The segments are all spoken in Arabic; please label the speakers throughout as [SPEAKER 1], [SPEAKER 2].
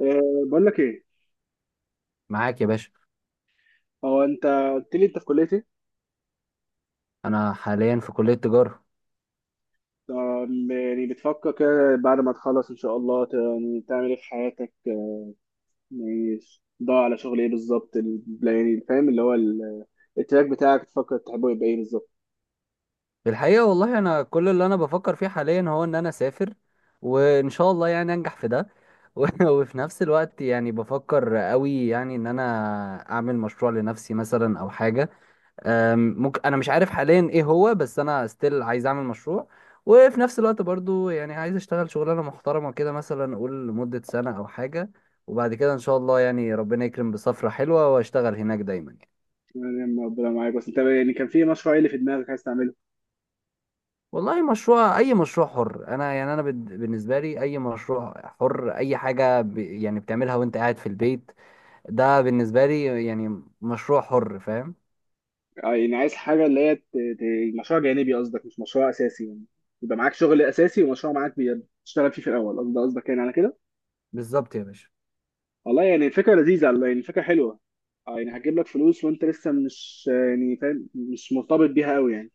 [SPEAKER 1] أه، بقول لك ايه.
[SPEAKER 2] معاك يا باشا.
[SPEAKER 1] هو انت قلت لي انت في كليه ايه؟
[SPEAKER 2] انا حاليا في كلية تجارة.
[SPEAKER 1] يعني بتفكر كده بعد ما تخلص ان شاء الله يعني تعمل ايه في حياتك يعني ضاع على شغل ايه بالظبط، يعني فاهم اللي هو التراك بتاعك تفكر تحبه يبقى ايه بالظبط؟
[SPEAKER 2] الحقيقة والله انا كل اللي انا بفكر فيه حاليا هو ان انا اسافر، وان شاء الله يعني انجح في ده. و- وفي نفس الوقت يعني بفكر قوي يعني ان انا اعمل مشروع لنفسي مثلا او حاجة. ممكن انا مش عارف حاليا ايه هو، بس انا ستيل عايز اعمل مشروع، وفي نفس الوقت برضو يعني عايز اشتغل شغلانة محترمة كده مثلا اقول لمدة سنة او حاجة، وبعد كده ان شاء الله يعني ربنا يكرم بسفرة حلوة واشتغل هناك دايما.
[SPEAKER 1] يعني ربنا معاك، بس انت يعني كان في مشروع ايه اللي في دماغك عايز تعمله؟
[SPEAKER 2] والله مشروع، اي مشروع حر انا، يعني انا بالنسبه لي اي مشروع حر، اي حاجه يعني بتعملها وانت قاعد في البيت، ده بالنسبه لي يعني مشروع حر، فاهم؟
[SPEAKER 1] يعني عايز حاجه اللي هي مشروع جانبي قصدك، مش مشروع اساسي يعني. يبقى معاك شغل اساسي ومشروع معاك بتشتغل فيه في الاول قصدك يعني على كده.
[SPEAKER 2] بالظبط يا باشا.
[SPEAKER 1] والله يعني فكرة لذيذة، يعني فكرة حلوة. اه يعني هتجيب لك فلوس وانت لسه مش يعني فاهم، مش مرتبط بيها قوي يعني.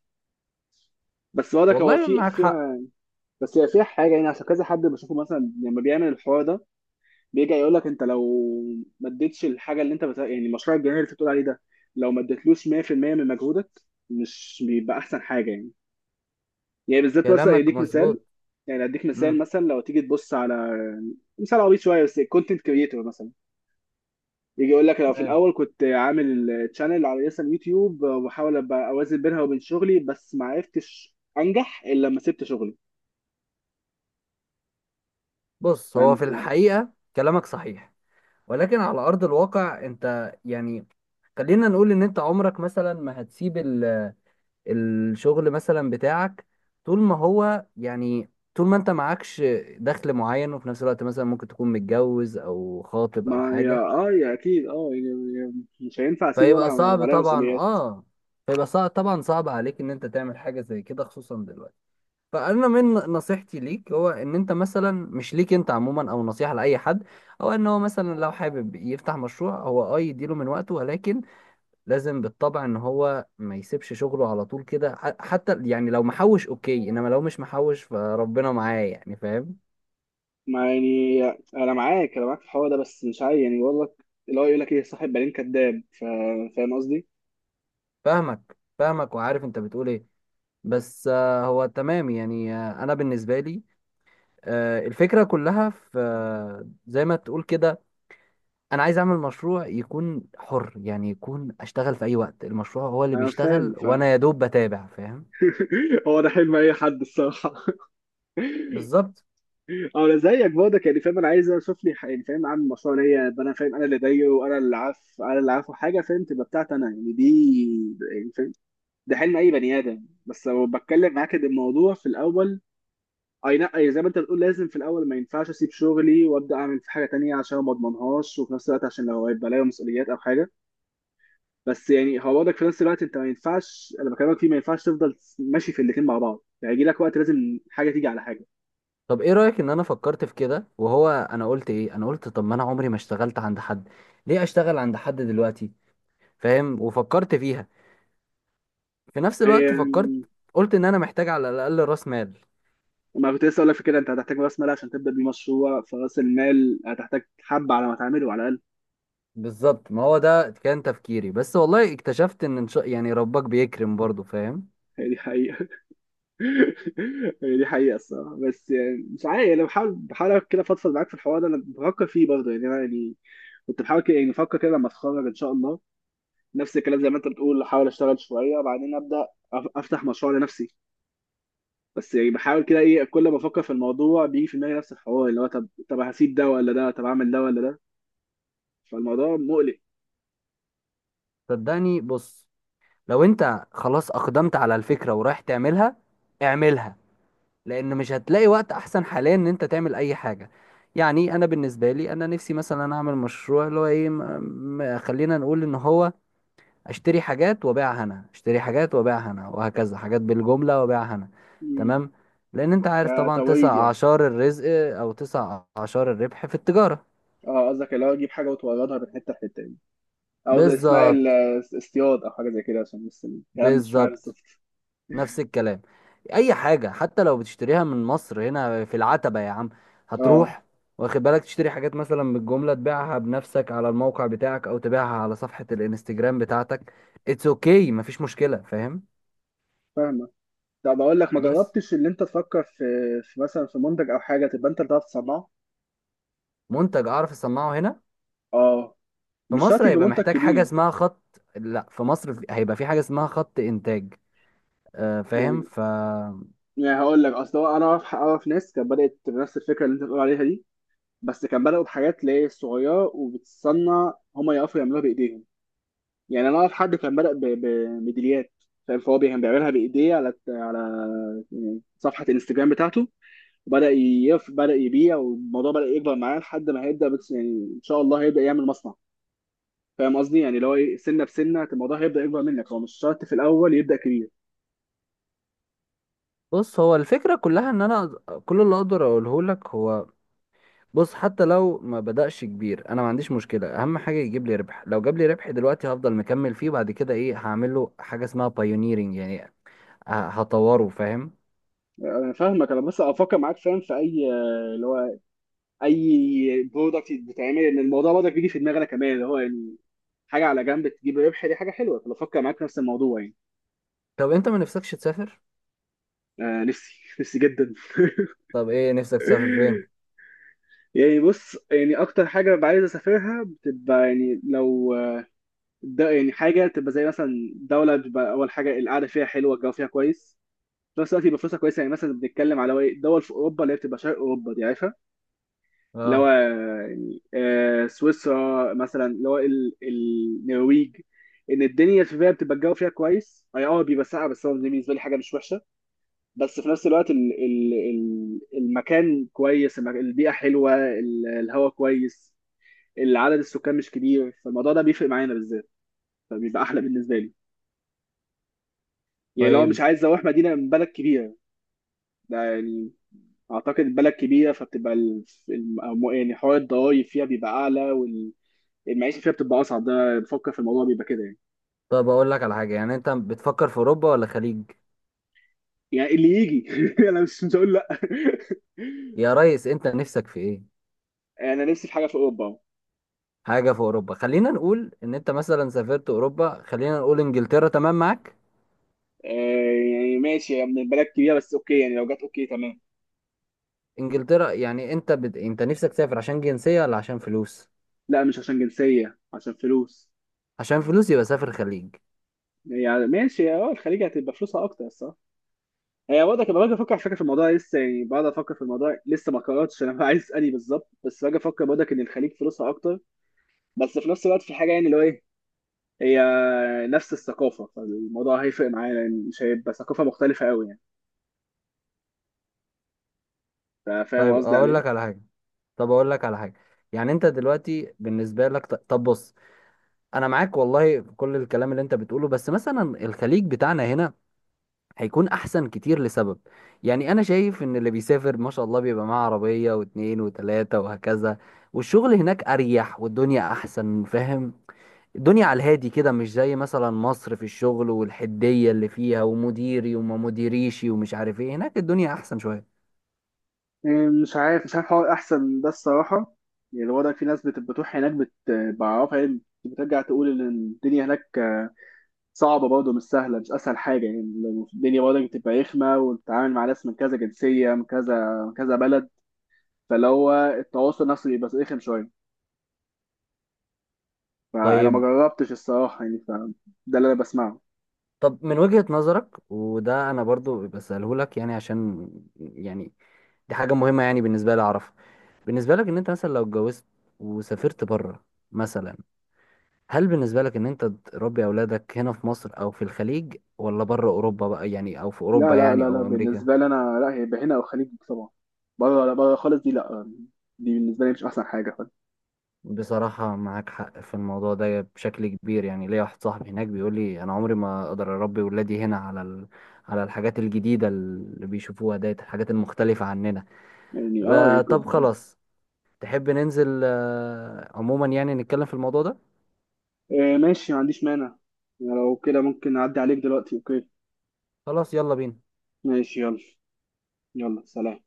[SPEAKER 1] بس برضك هو
[SPEAKER 2] والله
[SPEAKER 1] في
[SPEAKER 2] معاك حق.
[SPEAKER 1] فيها. بس هي فيها حاجة يعني، عشان كذا حد بشوفه مثلا لما بيعمل الحوار ده بيرجع يقول لك انت لو ما اديتش الحاجة اللي انت يعني مشروع الجنيه اللي انت بتقول عليه ده، لو ما اديتلوش 100% من مجهودك، مش بيبقى احسن حاجة يعني؟ يعني بالذات مثلا
[SPEAKER 2] كلامك
[SPEAKER 1] يديك مثال،
[SPEAKER 2] مظبوط.
[SPEAKER 1] يعني اديك مثال
[SPEAKER 2] مم.
[SPEAKER 1] مثلا لو تيجي تبص على مثال عبيط شوية، بس كونتنت كريتور مثلا يجي يقول لك لو في
[SPEAKER 2] مال.
[SPEAKER 1] الاول كنت عامل تشانل على لسه اليوتيوب وبحاول ابقى اوازن بينها وبين شغلي، بس ما عرفتش انجح الا لما سبت شغلي.
[SPEAKER 2] بص، هو في
[SPEAKER 1] فانت
[SPEAKER 2] الحقيقه كلامك صحيح، ولكن على ارض الواقع انت يعني خلينا نقول ان انت عمرك مثلا ما هتسيب الشغل مثلا بتاعك طول ما هو يعني طول ما انت معكش دخل معين، وفي نفس الوقت مثلا ممكن تكون متجوز او خاطب او
[SPEAKER 1] ما يا
[SPEAKER 2] حاجة،
[SPEAKER 1] اه يا اكيد اه، يعني مش هينفع اسيبه وانا
[SPEAKER 2] فيبقى صعب
[SPEAKER 1] وعليا
[SPEAKER 2] طبعا،
[SPEAKER 1] مسؤوليات.
[SPEAKER 2] اه، فيبقى صعب طبعا، صعب عليك ان انت تعمل حاجة زي كده خصوصا دلوقتي. فانا من نصيحتي ليك، هو ان انت مثلا، مش ليك انت عموما او نصيحة لاي حد، او ان هو مثلا لو حابب يفتح مشروع هو اه يديله من وقته، ولكن لازم بالطبع ان هو ما يسيبش شغله على طول كده، حتى يعني لو محوش اوكي، انما لو مش محوش فربنا معاه، يعني فاهم؟
[SPEAKER 1] ما يعني انا معاك في الحوار ده، بس مش عايز يعني بقول لك اللي هو يقول لك ايه، صاحب بالين كداب، فاهم قصدي؟
[SPEAKER 2] فاهمك وعارف انت بتقول ايه. بس هو تمام يعني، انا بالنسبه لي الفكره كلها في، زي ما تقول كده، انا عايز اعمل مشروع يكون حر، يعني يكون اشتغل في اي وقت، المشروع هو اللي
[SPEAKER 1] انا فاهم
[SPEAKER 2] بيشتغل وانا
[SPEAKER 1] فاهم
[SPEAKER 2] يا دوب بتابع، فاهم؟
[SPEAKER 1] هو ده حلم اي حد الصراحه.
[SPEAKER 2] بالظبط.
[SPEAKER 1] اه انا زيك برضك يعني فاهم، انا عايز اشوف لي يعني فاهم، عامل مشروع ليا، يبقى انا فاهم انا اللي دايره، وانا اللي عارف، انا اللي عارفه حاجه فاهم، تبقى بتاعتي انا يعني دي، يعني فاهم. ده حلم اي بني ادم. بس لو بتكلم معاك ان الموضوع في الاول، اي لا أي زي ما انت بتقول، لازم في الاول ما ينفعش اسيب شغلي وابدا اعمل في حاجه تانية عشان ما اضمنهاش، وفي نفس الوقت عشان لو هيبقى عليا مسؤوليات او حاجه. بس يعني هو برضك في نفس الوقت، انت ما ينفعش، انا بكلمك فيه، ما ينفعش تفضل ماشي في الاثنين مع بعض يعني، يجي لك وقت لازم حاجه تيجي على
[SPEAKER 2] طب ايه رأيك ان انا فكرت في كده؟ وهو انا قلت ايه، انا قلت طب ما انا عمري ما اشتغلت عند حد، ليه اشتغل عند حد دلوقتي؟ فاهم؟ وفكرت فيها، في نفس
[SPEAKER 1] حاجه.
[SPEAKER 2] الوقت فكرت، قلت ان انا محتاج على الاقل راس مال.
[SPEAKER 1] ما كنت لسه اقول لك في كده، انت هتحتاج راس مال عشان تبدا بيه مشروع، فراس المال هتحتاج حبه على ما تعمله على الاقل.
[SPEAKER 2] بالظبط، ما هو ده كان تفكيري، بس والله اكتشفت ان إن شاء يعني ربك بيكرم برضو، فاهم؟
[SPEAKER 1] هي دي حقيقه. هي دي حقيقه الصراحه. بس يعني مش عارف، انا بحاول كده فضفض معاك في الحوار ده، انا بفكر فيه برضه يعني، انا يعني كنت بحاول كده، يعني بفكر كده لما اتخرج ان شاء الله نفس الكلام زي ما انت بتقول، احاول اشتغل شويه وبعدين ابدا افتح مشروع لنفسي. بس يعني بحاول كده ايه، كل ما افكر في الموضوع بيجي في دماغي نفس الحوار، اللي هو طب هسيب ده ولا ده، طب اعمل ده ولا ده. فالموضوع مقلق.
[SPEAKER 2] صدقني، بص، لو انت خلاص اقدمت على الفكرة ورايح تعملها، اعملها، لان مش هتلاقي وقت احسن حاليا ان انت تعمل اي حاجه. يعني انا بالنسبه لي، انا نفسي مثلا اعمل مشروع اللي هو ايه، خلينا نقول ان هو اشتري حاجات وابيعها انا، اشتري حاجات وابيعها انا، وهكذا، حاجات بالجمله وابيعها انا،
[SPEAKER 1] مم.
[SPEAKER 2] تمام؟ لان انت عارف طبعا تسع
[SPEAKER 1] كتوريد يعني.
[SPEAKER 2] اعشار الرزق، او تسع اعشار الربح في التجاره.
[SPEAKER 1] اه قصدك اللي هو اجيب حاجه وتوردها من حته لحته يعني، او زي اسمها
[SPEAKER 2] بالظبط.
[SPEAKER 1] الاصطياد او حاجه زي كده، عشان بس الكلام مش معايا
[SPEAKER 2] بالظبط،
[SPEAKER 1] بالظبط.
[SPEAKER 2] نفس الكلام. اي حاجه حتى لو بتشتريها من مصر هنا في العتبه يا عم،
[SPEAKER 1] اه
[SPEAKER 2] هتروح واخد بالك تشتري حاجات مثلا بالجمله، تبيعها بنفسك على الموقع بتاعك او تبيعها على صفحه الانستجرام بتاعتك، اتس اوكي، مفيش مشكله، فاهم؟
[SPEAKER 1] فاهمك. طب اقول لك، ما
[SPEAKER 2] بس
[SPEAKER 1] جربتش اللي انت تفكر في، في مثلا في منتج او حاجه تبقى انت اللي بتعرف تصنعه؟
[SPEAKER 2] منتج اعرف اصنعه هنا
[SPEAKER 1] اه
[SPEAKER 2] في
[SPEAKER 1] مش شرط
[SPEAKER 2] مصر
[SPEAKER 1] يبقى
[SPEAKER 2] هيبقى
[SPEAKER 1] منتج
[SPEAKER 2] محتاج حاجه
[SPEAKER 1] كبير.
[SPEAKER 2] اسمها خط، لا، في مصر هيبقى في حاجه اسمها خط انتاج، فاهم؟
[SPEAKER 1] يعني يعني هقول لك، اصل هو انا اعرف ناس كانت بدات بنفس الفكره اللي انت بتقول عليها دي، بس كان بداوا بحاجات اللي هي صغيره، وبتصنع هما يعرفوا يعملوها بايديهم. يعني انا اعرف حد كان بدأ بميداليات، فاهم؟ فهو كان بيعملها بايديه على يعني صفحه الانستجرام بتاعته. وبدأ يف بدأ يبيع، والموضوع بدأ يكبر معاه، لحد ما هيبدأ بس يعني، ان شاء الله هيبدأ يعمل مصنع. فاهم قصدي، يعني اللي هو ايه، سنه بسنه الموضوع هيبدأ يكبر منك، هو مش شرط في الاول يبدأ كبير.
[SPEAKER 2] بص، هو الفكره كلها ان انا كل اللي اقدر اقوله لك هو، بص، حتى لو ما بدأش كبير انا ما عنديش مشكلة، اهم حاجة يجيب لي ربح، لو جاب لي ربح دلوقتي هفضل مكمل فيه، بعد كده ايه، هعمل له حاجة اسمها بايونيرنج يعني، هطوره، فاهم؟
[SPEAKER 1] انا فاهمك، انا بس افكر معاك فاهم في اي، اللي هو اي برودكت بتعمل، ان الموضوع برضك بيجي في دماغنا كمان اللي هو يعني حاجه على جنب تجيب ربح، دي حاجه حلوه، فبفكر معاك في نفس الموضوع يعني.
[SPEAKER 2] طب انت ما نفسكش تسافر؟
[SPEAKER 1] آه، نفسي نفسي جدا.
[SPEAKER 2] طب ايه نفسك تسافر فين؟
[SPEAKER 1] يعني بص، يعني اكتر حاجه ببقى عايز اسافرها بتبقى يعني لو، ده يعني حاجه تبقى زي مثلا دوله بتبقى اول حاجه القعده فيها حلوه، الجو فيها كويس، في نفس الوقت يبقى فلوسها كويسه، يعني مثلا بنتكلم على إيه؟ دول في اوروبا، اللي هي بتبقى شرق اوروبا دي، عارفها. اللي هو
[SPEAKER 2] اه،
[SPEAKER 1] يعني سويسرا مثلا، اللي هو النرويج. ان الدنيا فيها بتبقى الجو فيها كويس، اي بيبقى ساقع، بس هو بالنسبه لي حاجه مش وحشه. بس في نفس الوقت ال المكان كويس، البيئة حلوة، الهواء كويس، العدد السكان مش كبير، فالموضوع ده بيفرق معانا بالذات، فبيبقى أحلى بالنسبة لي. يعني لو مش
[SPEAKER 2] طيب.
[SPEAKER 1] عايز أروح مدينة من بلد كبيرة، ده يعني أعتقد بلد كبيرة فبتبقى يعني حوار الضرايب فيها بيبقى أعلى، والمعيشة فيها بتبقى أصعب. ده بفكر في الموضوع بيبقى كده يعني.
[SPEAKER 2] طب اقول لك على حاجة، يعني انت بتفكر في اوروبا ولا خليج؟
[SPEAKER 1] يعني اللي يجي أنا مش هقول لأ.
[SPEAKER 2] يا ريس انت نفسك في ايه؟
[SPEAKER 1] أنا نفسي في حاجة في أوروبا.
[SPEAKER 2] حاجة في اوروبا، خلينا نقول ان انت مثلا سافرت اوروبا، خلينا نقول انجلترا، تمام معاك؟
[SPEAKER 1] آه، يعني ماشي، هي من بلد كبيرة بس أوكي، يعني لو جت أوكي تمام.
[SPEAKER 2] انجلترا، يعني انت انت نفسك تسافر عشان جنسية ولا عشان فلوس؟
[SPEAKER 1] لا مش عشان جنسية، عشان فلوس.
[SPEAKER 2] عشان فلوس يبقى سافر خليج.
[SPEAKER 1] يعني ماشي الخليج هتبقى فلوسها اكتر صح. هي برضه كنت باجي افكر على فكره في الموضوع لسه، يعني بقعد افكر في الموضوع لسه ما قررتش انا عايز اني بالظبط، بس باجي افكر برضه ان الخليج فلوسها اكتر. بس في نفس الوقت في حاجه، يعني اللي هو ايه، هي نفس الثقافه، فالموضوع هيفرق معايا لان مش هيبقى ثقافه مختلفه قوي يعني. فاهم
[SPEAKER 2] طيب
[SPEAKER 1] قصدي على
[SPEAKER 2] اقول
[SPEAKER 1] ايه؟
[SPEAKER 2] لك على حاجه، طب اقول لك على حاجه، يعني انت دلوقتي بالنسبه لك طب بص، انا معاك والله في كل الكلام اللي انت بتقوله، بس مثلا الخليج بتاعنا هنا هيكون احسن كتير لسبب، يعني انا شايف ان اللي بيسافر ما شاء الله بيبقى معاه عربيه واتنين وتلاته وهكذا، والشغل هناك اريح والدنيا احسن، فاهم؟ الدنيا على الهادي كده، مش زي مثلا مصر في الشغل والحديه اللي فيها ومديري وما مديريشي ومش عارف ايه، هناك الدنيا احسن شويه.
[SPEAKER 1] مش عارف حوار احسن ده الصراحه. يعني الوضع في ناس بتروح هناك بعرفها، يعني بترجع تقول ان الدنيا هناك صعبه برضه، مش سهله، مش اسهل حاجه يعني. الدنيا برضه بتبقى رخمه، وبتتعامل مع ناس من كذا جنسيه، من كذا من كذا بلد. فاللي هو التواصل نفسه بيبقى رخم شويه. فانا ما
[SPEAKER 2] طيب،
[SPEAKER 1] جربتش الصراحه يعني، فده اللي انا بسمعه.
[SPEAKER 2] طب من وجهة نظرك، وده انا برضو بسأله لك يعني عشان يعني دي حاجة مهمة يعني بالنسبة لي اعرفها، بالنسبة لك ان انت مثلا لو اتجوزت وسافرت بره مثلا، هل بالنسبة لك ان انت تربي اولادك هنا في مصر او في الخليج، ولا بره اوروبا بقى يعني، او في
[SPEAKER 1] لا
[SPEAKER 2] اوروبا
[SPEAKER 1] لا
[SPEAKER 2] يعني
[SPEAKER 1] لا لا،
[SPEAKER 2] او امريكا؟
[SPEAKER 1] بالنسبه لي انا لا، هي هنا او خليج طبعا. بره لا، بره خالص دي لا، دي بالنسبه لي مش احسن حاجه
[SPEAKER 2] بصراحة معاك حق في الموضوع ده بشكل كبير، يعني ليا واحد صاحبي هناك بيقول لي أنا عمري ما أقدر أربي ولادي هنا على على الحاجات الجديدة اللي بيشوفوها ديت، الحاجات المختلفة عننا.
[SPEAKER 1] يعني يعني
[SPEAKER 2] طب خلاص، تحب ننزل عموما يعني نتكلم في الموضوع ده؟
[SPEAKER 1] ماشي ما عنديش مانع، يعني لو كده ممكن اعدي عليك دلوقتي اوكي.
[SPEAKER 2] خلاص يلا بينا.
[SPEAKER 1] ماشي يلا. يلا سلام.